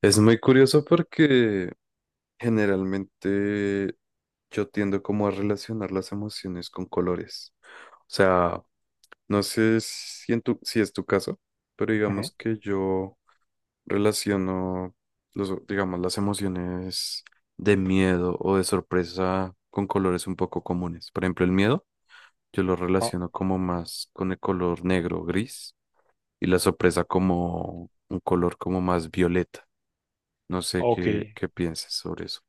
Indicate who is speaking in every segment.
Speaker 1: Es muy curioso porque generalmente yo tiendo como a relacionar las emociones con colores. O sea, no sé si, si es tu caso, pero
Speaker 2: Ujú.
Speaker 1: digamos que yo relaciono digamos, las emociones de miedo o de sorpresa con colores un poco comunes. Por ejemplo, el miedo yo lo
Speaker 2: Ah,
Speaker 1: relaciono como más con el color negro o gris, y la sorpresa como un color como más violeta. No sé
Speaker 2: ok.
Speaker 1: qué pienses sobre eso.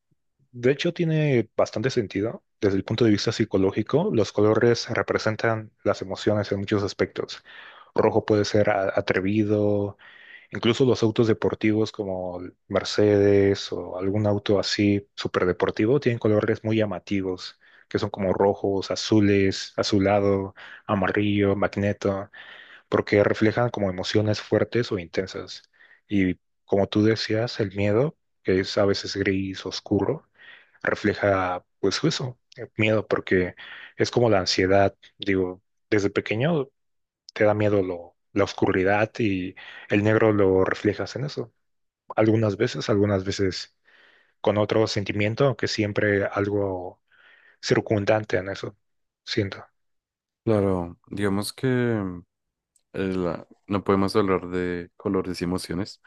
Speaker 2: De hecho, tiene bastante sentido. Desde el punto de vista psicológico, los colores representan las emociones en muchos aspectos. Rojo puede ser atrevido, incluso los autos deportivos como el Mercedes o algún auto así súper deportivo tienen colores muy llamativos, que son como rojos, azules, azulado, amarillo, magneto, porque reflejan como emociones fuertes o intensas. Y como tú decías, el miedo, que es a veces gris, oscuro, refleja pues eso, el miedo, porque es como la ansiedad. Digo, desde pequeño te da miedo la oscuridad y el negro lo reflejas en eso. Algunas veces con otro sentimiento, aunque siempre algo circundante en eso. Siento,
Speaker 1: Claro, digamos que no podemos hablar de colores y emociones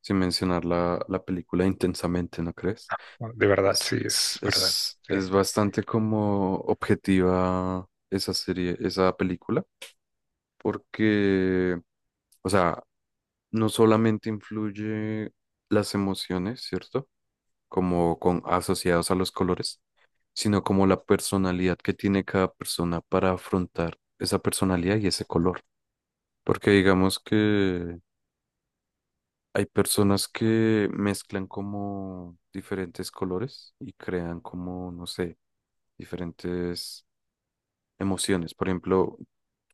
Speaker 1: sin mencionar la película Intensamente, ¿no crees?
Speaker 2: de verdad, sí,
Speaker 1: Es, es,
Speaker 2: es verdad.
Speaker 1: es,
Speaker 2: Sí.
Speaker 1: es bastante como objetiva esa serie, esa película, porque, o sea, no solamente influye las emociones, ¿cierto? Como con asociados a los colores, sino como la personalidad que tiene cada persona para afrontar esa personalidad y ese color. Porque digamos que hay personas que mezclan como diferentes colores y crean como, no sé, diferentes emociones. Por ejemplo,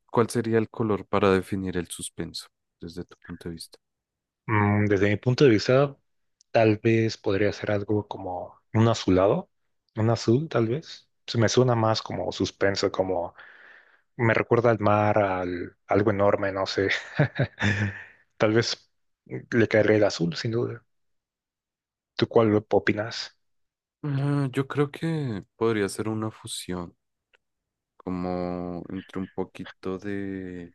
Speaker 1: ¿cuál sería el color para definir el suspenso desde tu punto de vista?
Speaker 2: Desde mi punto de vista, tal vez podría ser algo como un azulado, un azul tal vez. Se me suena más como suspenso, como me recuerda al mar, al algo enorme, no sé. Tal vez le caería el azul, sin duda. ¿Tú cuál opinas?
Speaker 1: Ah, yo creo que podría ser una fusión, como entre un poquito de,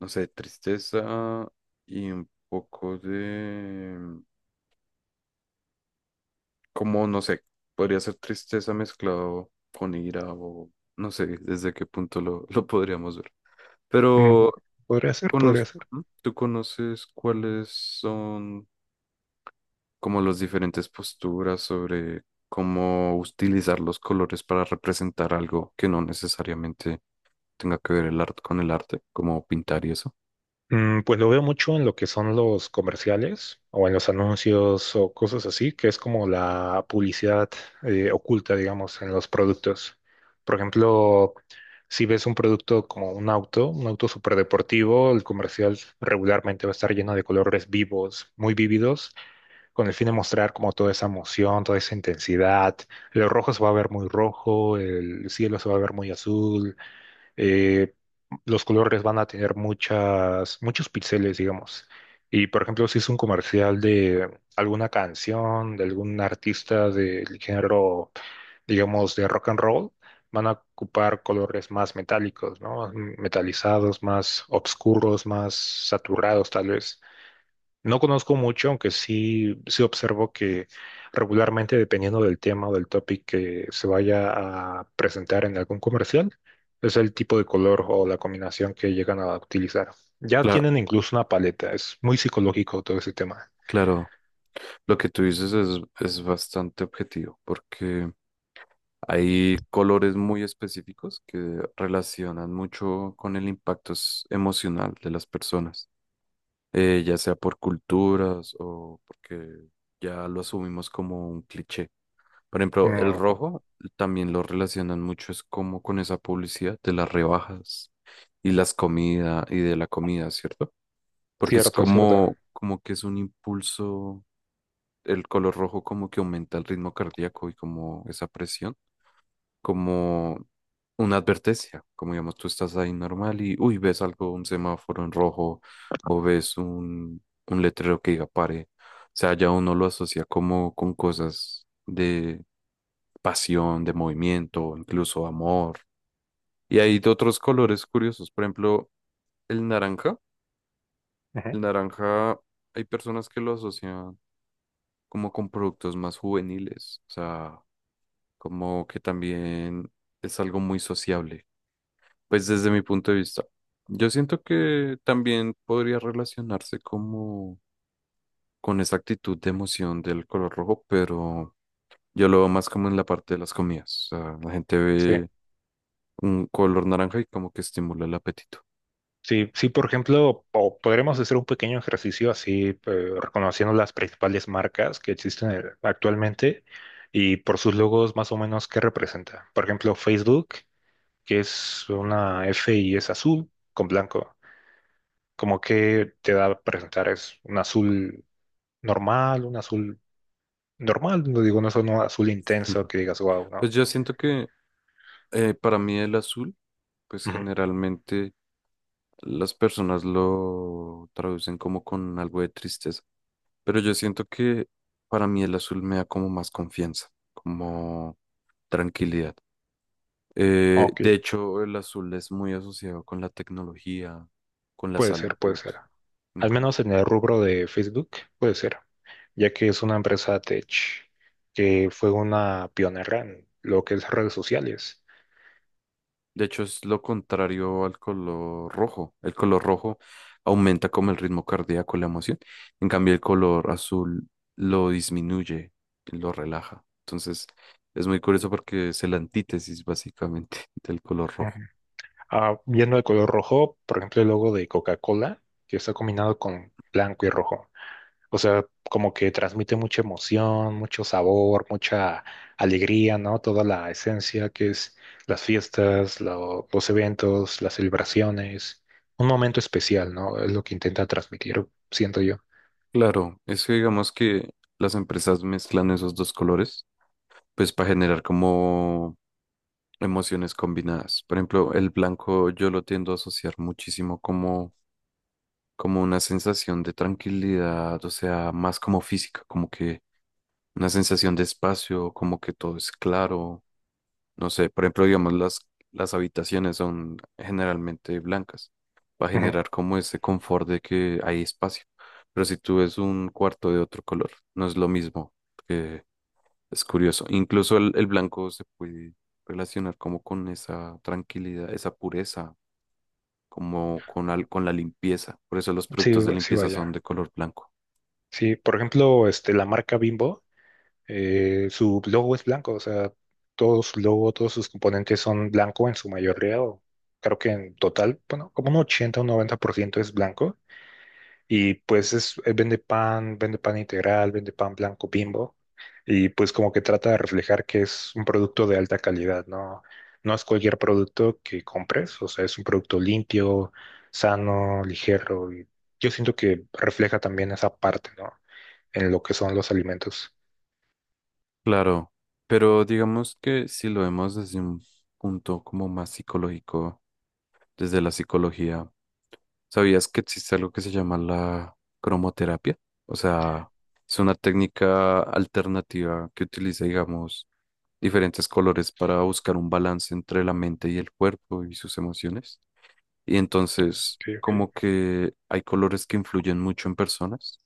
Speaker 1: no sé, tristeza y un poco de como, no sé, podría ser tristeza mezclado con ira o no sé desde qué punto lo podríamos ver.
Speaker 2: Mm,
Speaker 1: Pero,
Speaker 2: Podría ser, podría ser.
Speaker 1: ¿Tú conoces cuáles son como las diferentes posturas sobre cómo utilizar los colores para representar algo que no necesariamente tenga que ver el arte con el arte, como pintar y eso?
Speaker 2: Pues lo veo mucho en lo que son los comerciales o en los anuncios o cosas así, que es como la publicidad oculta, digamos, en los productos. Por ejemplo, si ves un producto como un auto superdeportivo, el comercial regularmente va a estar lleno de colores vivos, muy vívidos, con el fin de mostrar como toda esa emoción, toda esa intensidad. El rojo se va a ver muy rojo, el cielo se va a ver muy azul, eh, los colores van a tener muchos píxeles, digamos. Y por ejemplo, si es un comercial de alguna canción, de algún artista del género, digamos, de rock and roll, van a ocupar colores más metálicos, ¿no? Metalizados, más oscuros, más saturados, tal vez. No conozco mucho, aunque sí, sí observo que regularmente, dependiendo del tema o del topic que se vaya a presentar en algún comercial, es el tipo de color o la combinación que llegan a utilizar. Ya
Speaker 1: Claro,
Speaker 2: tienen incluso una paleta, es muy psicológico todo ese tema.
Speaker 1: claro, lo que tú dices es bastante objetivo porque... Hay colores muy específicos que relacionan mucho con el impacto emocional de las personas, ya sea por culturas o porque ya lo asumimos como un cliché. Por ejemplo, el
Speaker 2: Ujú.
Speaker 1: rojo también lo relacionan mucho, es como con esa publicidad de las rebajas y las comidas y de la comida, ¿cierto? Porque es
Speaker 2: Cierto, cierto.
Speaker 1: como, como que es un impulso, el color rojo como que aumenta el ritmo cardíaco y como esa presión como una advertencia, como digamos, tú estás ahí normal y, uy, ves algo, un semáforo en rojo o ves un letrero que diga pare. O sea, ya uno lo asocia como con cosas de pasión, de movimiento, incluso amor. Y hay de otros colores curiosos, por ejemplo, el naranja.
Speaker 2: Ujú.
Speaker 1: El naranja, hay personas que lo asocian como con productos más juveniles, o sea, como que también es algo muy sociable. Pues desde mi punto de vista, yo siento que también podría relacionarse como con esa actitud de emoción del color rojo, pero yo lo veo más como en la parte de las comidas. O sea, la gente
Speaker 2: Sí.
Speaker 1: ve un color naranja y como que estimula el apetito.
Speaker 2: Sí, sí, por ejemplo, o podremos hacer un pequeño ejercicio así, reconociendo las principales marcas que existen actualmente, y por sus logos más o menos qué representa. Por ejemplo, Facebook, que es una F y es azul con blanco. Como que te da a presentar es un azul normal, no digo, no es un azul intenso que digas, wow, ¿no?
Speaker 1: Pues yo siento que para mí el azul, pues
Speaker 2: Ujú.
Speaker 1: generalmente las personas lo traducen como con algo de tristeza, pero yo siento que para mí el azul me da como más confianza, como tranquilidad.
Speaker 2: Ok.
Speaker 1: De hecho, el azul es muy asociado con la tecnología, con la
Speaker 2: Puede ser, puede
Speaker 1: salud,
Speaker 2: ser. Al menos
Speaker 1: incluso.
Speaker 2: en el rubro de Facebook, puede ser, ya que es una empresa tech que fue una pionera en lo que es redes sociales.
Speaker 1: De hecho, es lo contrario al color rojo. El color rojo aumenta como el ritmo cardíaco, la emoción. En cambio, el color azul lo disminuye, lo relaja. Entonces, es muy curioso porque es el antítesis, básicamente, del color
Speaker 2: Ujú.
Speaker 1: rojo.
Speaker 2: Ah, viendo el color rojo, por ejemplo, el logo de Coca-Cola, que está combinado con blanco y rojo. O sea, como que transmite mucha emoción, mucho sabor, mucha alegría, ¿no? Toda la esencia que es las fiestas, los eventos, las celebraciones. Un momento especial, ¿no? Es lo que intenta transmitir, siento yo.
Speaker 1: Claro, es que digamos que las empresas mezclan esos dos colores, pues para generar como emociones combinadas. Por ejemplo, el blanco yo lo tiendo a asociar muchísimo como una sensación de tranquilidad, o sea, más como física, como que una sensación de espacio, como que todo es claro. No sé, por ejemplo, digamos, las habitaciones son generalmente blancas. Va a
Speaker 2: Ujú.
Speaker 1: generar como ese confort de que hay espacio. Pero si tú ves un cuarto de otro color, no es lo mismo, es curioso. Incluso el blanco se puede relacionar como con esa tranquilidad, esa pureza, como con la limpieza. Por eso los
Speaker 2: Sí,
Speaker 1: productos de
Speaker 2: sí,
Speaker 1: limpieza son
Speaker 2: vaya.
Speaker 1: de color blanco.
Speaker 2: Sí, por ejemplo, este, la marca Bimbo, su logo es blanco, o sea, todo su logo, todos sus componentes son blanco en su mayoría, o creo que en total, bueno, como un 80 o un 90% es blanco. Y pues es, vende pan integral, vende pan blanco Bimbo. Y pues como que trata de reflejar que es un producto de alta calidad, ¿no? No es cualquier producto que compres, o sea, es un producto limpio, sano, ligero. Y yo siento que refleja también esa parte, ¿no? En lo que son los alimentos.
Speaker 1: Claro, pero digamos que si lo vemos desde un punto como más psicológico, desde la psicología, ¿sabías que existe algo que se llama la cromoterapia? O sea, es una técnica alternativa que utiliza, digamos, diferentes colores para buscar un balance entre la mente y el cuerpo y sus emociones. Y entonces,
Speaker 2: Ok, ok.
Speaker 1: como que hay colores que influyen mucho en personas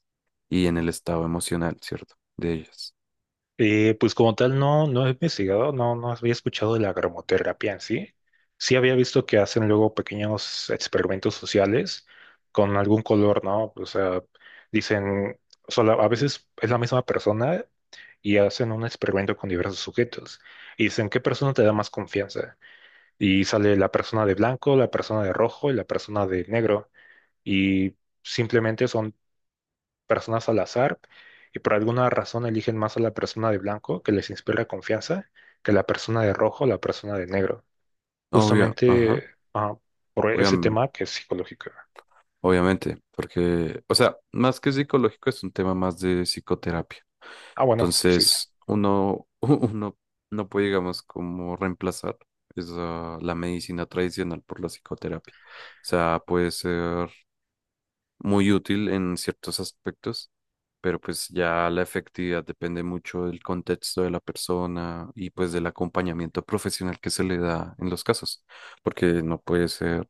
Speaker 1: y en el estado emocional, ¿cierto? De ellas.
Speaker 2: Pues como tal no, no he investigado, no, no había escuchado de la gramoterapia en sí. Sí había visto que hacen luego pequeños experimentos sociales con algún color, ¿no? O sea, dicen, solo, a veces es la misma persona y hacen un experimento con diversos sujetos. Y dicen, ¿qué persona te da más confianza? Y sale la persona de blanco, la persona de rojo y la persona de negro. Y simplemente son personas al azar, y por alguna razón eligen más a la persona de blanco, que les inspira confianza, que la persona de rojo o la persona de negro.
Speaker 1: Obvio,
Speaker 2: Justamente
Speaker 1: ajá,
Speaker 2: ah, por ese
Speaker 1: obviam-
Speaker 2: tema que es psicológico.
Speaker 1: obviamente, porque, o sea, más que psicológico es un tema más de psicoterapia.
Speaker 2: Ah, bueno, sí.
Speaker 1: Entonces, uno, uno no puede, digamos, como reemplazar la medicina tradicional por la psicoterapia. O sea, puede ser muy útil en ciertos aspectos, pero pues ya la efectividad depende mucho del contexto de la persona y pues del acompañamiento profesional que se le da en los casos, porque no puede ser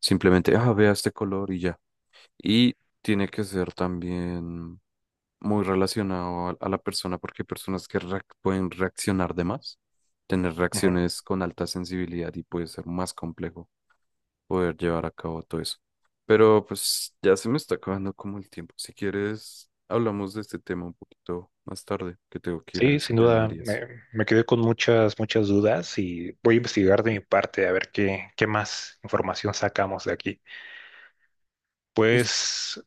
Speaker 1: simplemente, ah, vea este color y ya. Y tiene que ser también muy relacionado a la persona, porque hay personas que pueden reaccionar de más, tener
Speaker 2: Ujú.
Speaker 1: reacciones con alta sensibilidad y puede ser más complejo poder llevar a cabo todo eso. Pero pues ya se me está acabando como el tiempo. Si quieres, hablamos de este tema un poquito más tarde, que tengo que ir a
Speaker 2: Sí, sin
Speaker 1: desayunar
Speaker 2: duda,
Speaker 1: y eso.
Speaker 2: me quedé con muchas, muchas dudas y voy a investigar de mi parte a ver qué más información sacamos de aquí.
Speaker 1: Listo.
Speaker 2: Pues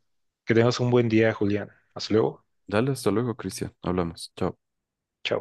Speaker 2: que tengas un buen día, Julián. Hasta luego.
Speaker 1: Dale, hasta luego, Cristian. Hablamos. Chao.
Speaker 2: Chao.